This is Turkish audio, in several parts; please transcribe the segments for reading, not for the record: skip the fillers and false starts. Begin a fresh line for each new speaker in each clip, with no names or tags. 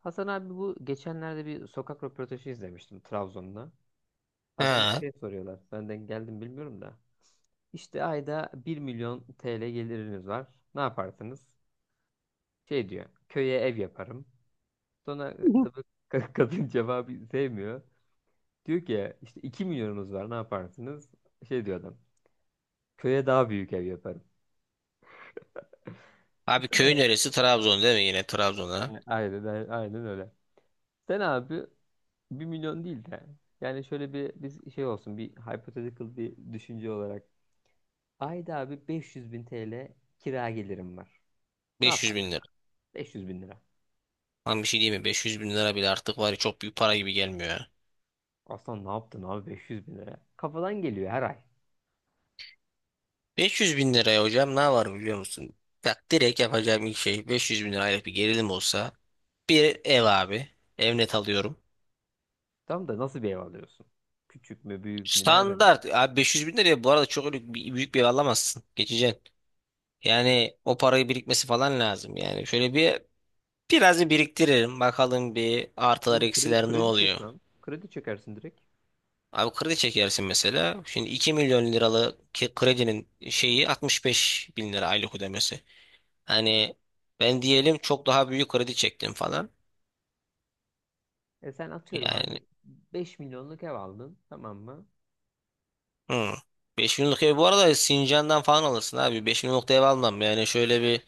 Hasan abi bu geçenlerde bir sokak röportajı izlemiştim Trabzon'da. Adama
Ha.
şey soruyorlar. Benden geldim bilmiyorum da. İşte ayda 1 milyon TL geliriniz var. Ne yaparsınız? Şey diyor. Köye ev yaparım. Sonra tabii kadın cevabı sevmiyor. Diyor ki işte 2 milyonunuz var, ne yaparsınız? Şey diyor adam. Köye daha büyük ev yaparım.
Abi köyün
Sen-
neresi? Trabzon değil mi yine Trabzon'a?
Aynen, aynen, aynen öyle. Sen abi 1 milyon değil de yani şöyle bir biz şey olsun, bir hypothetical bir düşünce olarak. Ayda abi 500 bin TL kira gelirim var. Ne
500 bin
yaparsın
lira.
abi? 500 bin lira.
Lan bir şey diyeyim mi? 500 bin lira bile artık var ya çok büyük para gibi gelmiyor ya.
Aslan ne yaptın abi 500 bin lira? Kafadan geliyor her ay.
500 bin liraya hocam ne var biliyor musun? Bak direkt yapacağım ilk şey 500 bin lirayla bir gerilim olsa bir ev abi. Ev net alıyorum.
Tam da nasıl bir ev alıyorsun? Küçük mü, büyük mü, nereden?
Standart. Abi 500 bin liraya bu arada çok öyle büyük bir ev alamazsın. Geçeceksin. Yani o parayı birikmesi falan lazım. Yani şöyle bir biraz bir biriktiririm. Bakalım bir artılar
Oğlum kredi,
eksiler ne
çek
oluyor.
lan. Kredi çekersin direkt.
Abi kredi çekersin mesela. Şimdi 2 milyon liralık kredinin şeyi 65 bin lira aylık ödemesi. Hani ben diyelim çok daha büyük kredi çektim falan.
E sen atıyorum abi
Yani
5 milyonluk ev aldın, tamam mı?
hı. 5 milyonluk ev bu arada Sincan'dan falan alırsın abi. 5 milyonluk da ev almam. Yani şöyle bir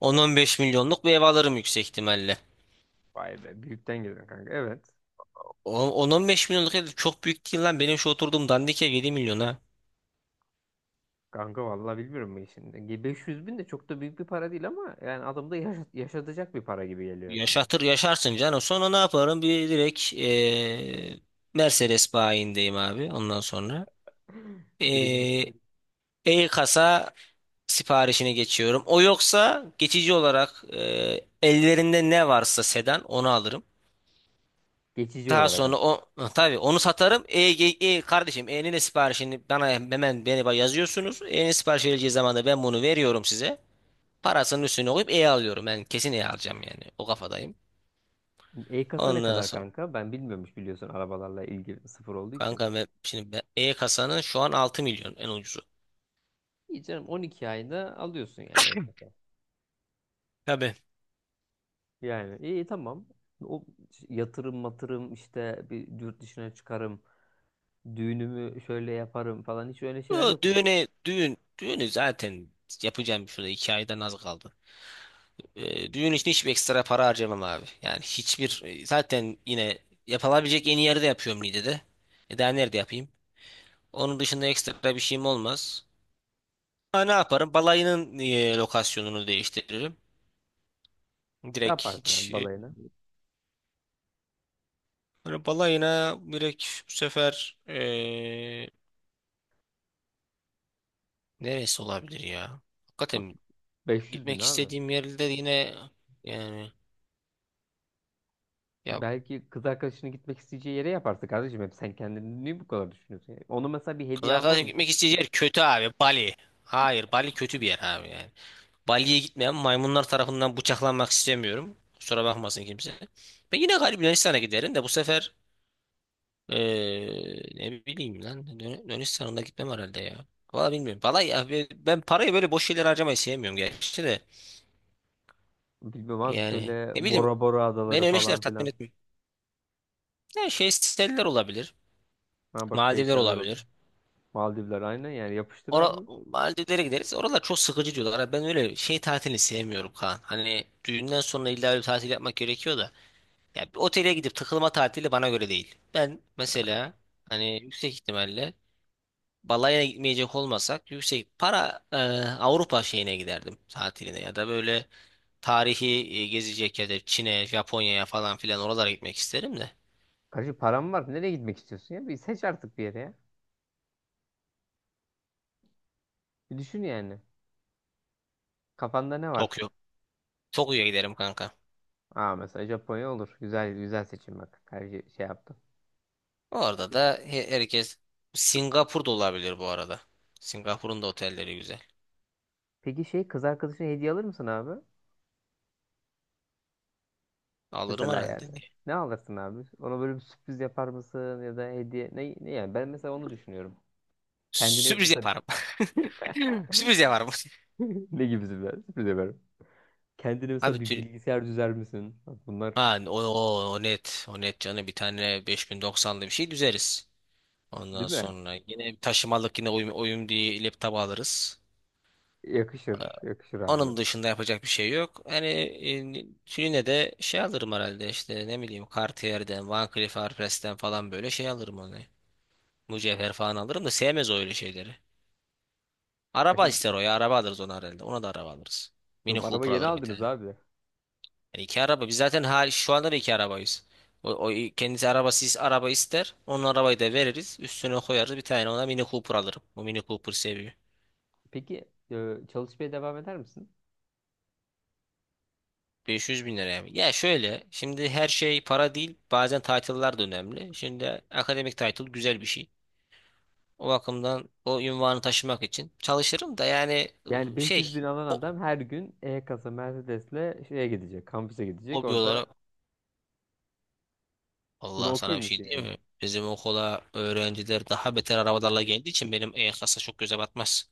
10-15 milyonluk bir ev alırım yüksek ihtimalle.
Vay be, büyükten geliyor kanka, evet.
10-15 milyonluk ev çok büyük değil lan. Benim şu oturduğum dandik ev 7 milyona.
Kanka vallahi bilmiyorum ben şimdi. 500 bin de çok da büyük bir para değil ama yani adamda yaşatacak bir para gibi geliyor şimdi.
Yaşatır yaşarsın canım. Sonra ne yaparım? Bir direkt Mercedes bayindeyim abi ondan sonra.
Direkt ben-
Ee, e-kasa siparişine geçiyorum. O yoksa geçici olarak ellerinde ne varsa sedan onu alırım.
Geçici
Daha
olarak
sonra
ama.
o tabii onu satarım. Kardeşim E'nin de siparişini bana hemen beni yazıyorsunuz. E'nin sipariş verileceği zaman da ben bunu veriyorum size. Parasının üstüne koyup E alıyorum. Ben kesin E alacağım yani. O kafadayım.
E-kasa ne
Ondan
kadar
sonra
kanka? Ben bilmiyormuş, biliyorsun arabalarla ilgili sıfır olduğu için.
kanka ben, şimdi E kasanın şu an 6 milyon en ucuzu.
İyi canım, 12 ayda alıyorsun yani e-kasa.
Tabii.
Yani iyi, tamam. O yatırım matırım işte, bir yurt dışına çıkarım. Düğünümü şöyle yaparım falan, hiç öyle şeyler
O
yok mu?
Düğüne düğün düğünü zaten yapacağım bir şurada 2 aydan az kaldı. Düğün için hiçbir ekstra para harcamam abi. Yani hiçbir zaten yine yapılabilecek en iyi yerde yapıyorum Niğde'de. E daha nerede yapayım? Onun dışında ekstra bir şeyim olmaz. Ha, ne yaparım? Balayının lokasyonunu değiştiririm.
Ne
Direkt
yaparsın
hiç
abi balayına?
böyle balayına direkt bu sefer neresi olabilir ya?
Bak,
Hakikaten
500 bin
gitmek
abi.
istediğim yerde yine yani ya.
Belki kız arkadaşının gitmek isteyeceği yere yaparsın kardeşim. Hep sen kendini niye bu kadar düşünüyorsun? Yani ona mesela bir
Kız
hediye almaz
arkadaşım
mısın?
gitmek
Ne?
isteyeceği yer kötü abi. Bali. Hayır, Bali kötü bir yer abi yani. Bali'ye gitmeyen maymunlar tarafından bıçaklanmak istemiyorum. Kusura bakmasın kimse. Ben yine galiba Yunanistan'a giderim de bu sefer ne bileyim lan Yunanistan'a da gitmem herhalde ya. Valla bilmiyorum. Valla ya ben parayı böyle boş şeylere harcamayı sevmiyorum gerçi de.
Bilmem abi,
Yani
şöyle
ne bileyim
Bora Bora adaları
beni öyle şeyler
falan
tatmin
filan.
etmiyor. Yani şey siteler olabilir.
Ha bak,
Maldivler
şeyseller olur.
olabilir.
Maldivler aynı yani, yapıştır
Ora
abi.
Maldivlere gideriz. Oralar çok sıkıcı diyorlar. Ha, ben öyle şey tatilini sevmiyorum Kaan. Hani düğünden sonra illa öyle bir tatil yapmak gerekiyor da. Ya bir otele gidip takılma tatili bana göre değil. Ben mesela hani yüksek ihtimalle balaya gitmeyecek olmasak yüksek para Avrupa şeyine giderdim tatiline ya da böyle tarihi gezecek ya da Çin'e, Japonya'ya falan filan oralara gitmek isterim de.
Kardeşim param var. Nereye gitmek istiyorsun ya? Bir seç artık bir yere ya. Bir düşün yani. Kafanda ne var?
Tokyo. Tokyo'ya giderim kanka.
Aa, mesela Japonya olur. Güzel, güzel seçim bak. Her şey, şey yaptım.
Orada da herkes Singapur da olabilir bu arada. Singapur'un da otelleri güzel.
Peki şey, kız arkadaşına hediye alır mısın abi?
Alırım
Mesela
herhalde.
yani.
Niye?
Ne alırsın abi? Ona böyle bir sürpriz yapar mısın, ya da hediye ne, ne yani, ben mesela onu düşünüyorum. Kendine
Sürpriz
mesela
yaparım. Sürpriz yaparım.
ne gibi sürpriz, yaparım? Kendine
Abi
mesela bir
tür...
bilgisayar düzer misin? Bunlar
Ha, o net. O net canı bir tane 5090'lı bir şey düzeriz. Ondan
değil mi?
sonra yine bir taşımalık yine uyum diye laptop alırız.
Yakışır, yakışır abi.
Onun dışında yapacak bir şey yok. Hani yine de şey alırım herhalde işte ne bileyim Cartier'den, Van Cleef Arpels'ten falan böyle şey alırım onu. Mücevher falan alırım da sevmez o öyle şeyleri.
Ya
Araba
şimdi,
ister o ya. Araba alırız ona herhalde. Ona da araba alırız. Mini
oğlum araba
Cooper
yeni
alırım bir
aldınız
tane.
abi.
Yani iki araba. Biz zaten şu anda da iki arabayız. O kendisi arabasız araba ister. Onun arabayı da veririz. Üstüne koyarız bir tane ona Mini Cooper alırım. O Mini Cooper seviyor.
Peki çalışmaya devam eder misin?
500 bin lira yani. Ya şöyle şimdi her şey para değil. Bazen title'lar da önemli. Şimdi akademik title güzel bir şey. O bakımdan o ünvanı taşımak için çalışırım da yani
Yani 500
şey
bin alan
ho-
adam her gün E-Kasa Mercedes'le şeye gidecek, kampüse gidecek.
hobi
Orada
olarak
buna
Allah sana
okey
bir şey
misin yani?
diyeyim mi? Bizim okula öğrenciler daha beter arabalarla geldiği için benim E-Klas'a çok göze batmaz.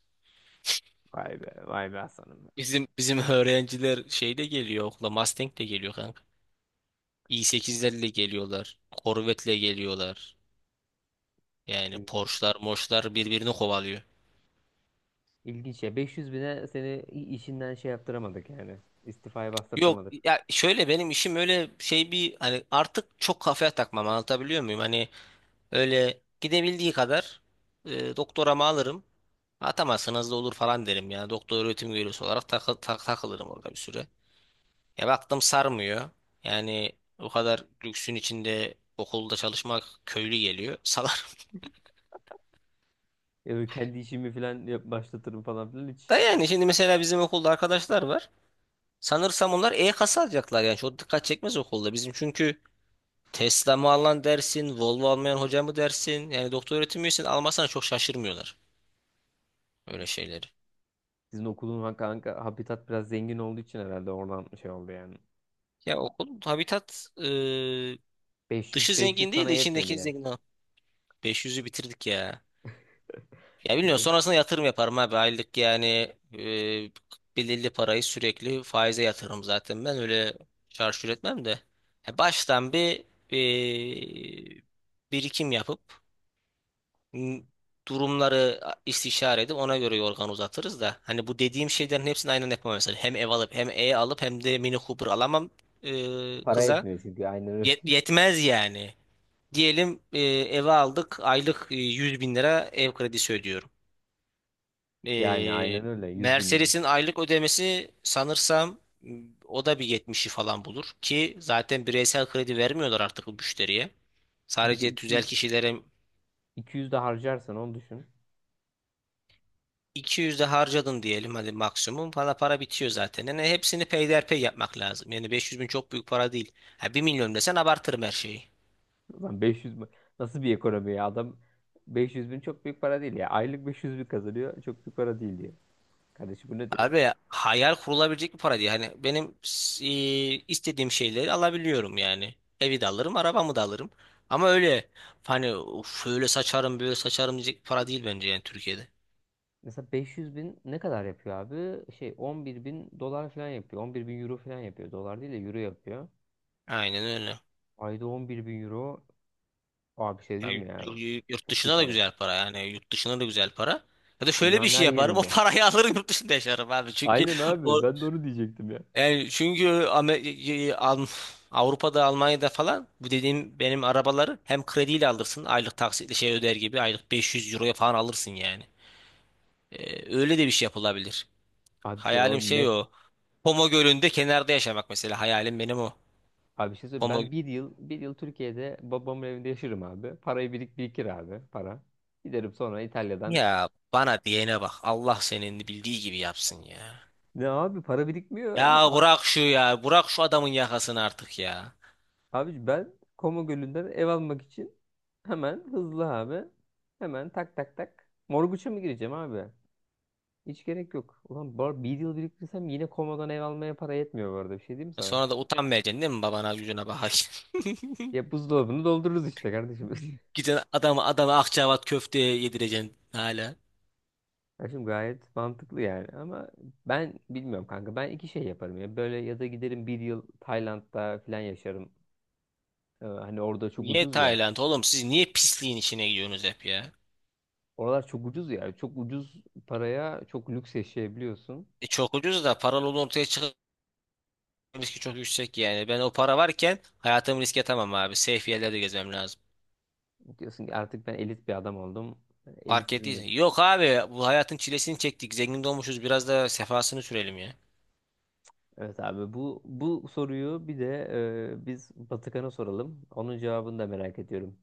Vay be, vay be Hasan'ım be.
Bizim öğrenciler şeyle geliyor okula Mustang'le geliyor kanka. i8'lerle geliyorlar. Corvette'le geliyorlar. Yani
İlginç.
Porsche'lar, Mosche'lar birbirini kovalıyor.
İlginç ya. 500 bine seni işinden şey yaptıramadık yani. İstifaya
Yok
bastırtamadık.
ya şöyle benim işim öyle şey bir hani artık çok kafaya takmam anlatabiliyor muyum? Hani öyle gidebildiği kadar doktoramı alırım. Atamazsanız da olur falan derim yani. Doktor öğretim üyesi olarak takılırım orada bir süre. Ya baktım sarmıyor. Yani o kadar lüksün içinde okulda çalışmak köylü geliyor. Salar.
Ya kendi işimi falan başlatırım falan filan hiç.
Da yani şimdi mesela bizim okulda arkadaşlar var. Sanırsam onlar E-kasa alacaklar yani. Çok dikkat çekmez okulda. Bizim çünkü Tesla mı alan dersin, Volvo almayan hoca mı dersin? Yani doktor öğretim üyesini almazsan çok şaşırmıyorlar. Öyle şeyleri.
Sizin okulun kanka, habitat biraz zengin olduğu için herhalde oradan şey oldu yani.
Ya okulun habitat dışı
500 500
zengin değil
sana
de
yetmedi
içindeki
ya.
zengin. Ha, 500'ü bitirdik ya. Ya bilmiyorum
E,
sonrasında yatırım yaparım abi aylık yani e, belirli parayı sürekli faize yatırırım zaten ben öyle çarçur etmem de. Ya baştan bir e, birikim yapıp m, durumları istişare edip ona göre yorgan uzatırız da. Hani bu dediğim şeylerin hepsini aynen yapamam mesela. Hem ev alıp hem E alıp hem de Mini Cooper alamam
Para
kıza.
yetmiyor çünkü, aynen öyle.
Yet- yetmez yani. Diyelim eve aldık aylık 100 bin lira ev kredisi ödüyorum.
Yani
E,
aynen öyle, 100 bin lira.
Mercedes'in aylık ödemesi sanırsam o da 170'i falan bulur ki zaten bireysel kredi vermiyorlar artık bu müşteriye.
Bir de
Sadece tüzel
200
kişilere
200 de harcarsan onu düşün.
200 de harcadın diyelim hadi maksimum falan para bitiyor zaten. Yani hepsini peyderpey yapmak lazım. Yani 500 bin çok büyük para değil. Ha, 1 milyon desen abartırım her şeyi.
Ulan 500 mü- Nasıl bir ekonomi ya, adam 500 bin çok büyük para değil ya. Aylık 500 bin kazanıyor, çok büyük para değil diyor. Kardeşim bu nedir ya?
Abi hayal kurulabilecek bir para değil. Hani benim istediğim şeyleri alabiliyorum yani. Evi de alırım, arabamı da alırım. Ama öyle hani "Of, şöyle saçarım, böyle saçarım diyecek bir para değil bence yani Türkiye'de.
Mesela 500 bin ne kadar yapıyor abi? Şey, 11 bin dolar falan yapıyor. 11 bin euro falan yapıyor. Dolar değil de euro yapıyor.
Aynen öyle.
Ayda 11 bin euro. Abi bir şey
Ya
diyeyim mi ya?
yurt
Çok iyi
dışına da
para.
güzel para yani yurt dışına da güzel para. Ya da şöyle bir
Dünyanın
şey
her
yaparım o
yerinde.
parayı alırım yurt dışında yaşarım abi çünkü
Aynen
o.
abi. Ben de onu diyecektim ya.
Yani çünkü Avrupa'da, Almanya'da falan bu dediğim benim arabaları hem krediyle alırsın. Aylık taksitle şey öder gibi aylık 500 euroya falan alırsın yani. Öyle de bir şey yapılabilir.
Abi bir şey var
Hayalim şey
net.
o. Pomo Gölü'nde kenarda yaşamak mesela hayalim benim o.
Abi bir şey söyleyeyim.
Pomo
Ben bir yıl, bir yıl Türkiye'de babamın evinde yaşarım abi. Parayı birikir abi para. Giderim sonra İtalya'dan.
ya bana diyene bak. Allah senin bildiği gibi yapsın ya.
Ne abi, para birikmiyor.
Ya bırak şu ya. Bırak şu adamın yakasını artık ya.
Abi ben Koma Gölü'nden ev almak için hemen, hızlı abi. Hemen tak tak tak. Morguç'a mı gireceğim abi? Hiç gerek yok. Bir yıl biriktirsem yine Koma'dan ev almaya para yetmiyor bu arada. Bir şey diyeyim mi sana?
Sonra da utanmayacaksın değil mi babana yüzüne bakarsın.
Ya buzdolabını doldururuz işte kardeşim.
Gidin adama adama Akçaabat köfte yedireceksin hala.
Kardeşim gayet mantıklı yani. Ama ben bilmiyorum kanka. Ben iki şey yaparım ya. Böyle, ya da giderim bir yıl Tayland'da falan yaşarım. Hani orada çok
Niye
ucuz ya.
Tayland oğlum siz niye pisliğin içine gidiyorsunuz hep ya?
Oralar çok ucuz ya. Çok ucuz paraya çok lüks yaşayabiliyorsun.
E çok ucuz da paralı olduğu ortaya çıkan riski çok yüksek yani. Ben o para varken hayatımı riske atamam abi. Safe yerlerde gezmem lazım.
Diyorsun ki artık ben elit bir adam oldum.
Fark
Elitizmiz.
ettiysen. Yok abi bu hayatın çilesini çektik. Zengin de olmuşuz biraz da sefasını sürelim ya.
Evet abi, bu, soruyu bir de biz Batıkan'a soralım. Onun cevabını da merak ediyorum.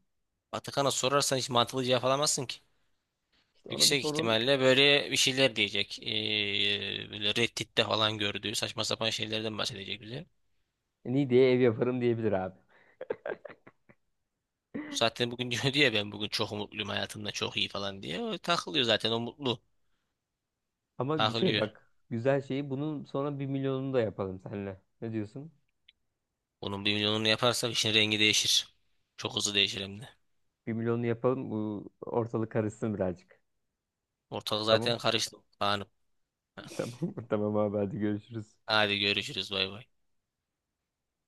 Vatikan'a sorarsan hiç mantıklı cevap alamazsın ki.
İşte ona bir
Yüksek
sorun.
ihtimalle böyle bir şeyler diyecek. Böyle Reddit'te falan gördüğü saçma sapan şeylerden bahsedecek bize.
Niğde'ye ev yaparım diyebilir abi.
Zaten bugün diyor diye ben bugün çok mutluyum hayatımda çok iyi falan diye. O takılıyor zaten o mutlu.
Ama bir şey
Takılıyor.
bak, güzel şeyi bunun, sonra 1 milyonunu da yapalım seninle. Ne diyorsun?
Onun 1 milyonunu yaparsak işin rengi değişir. Çok hızlı değişir hem de.
1 milyonunu yapalım, bu ortalık karışsın birazcık.
Ortalık
Tamam.
zaten karıştı. Kaan'ım.
Tamam. Tamam abi, hadi görüşürüz.
Hadi görüşürüz bay bay.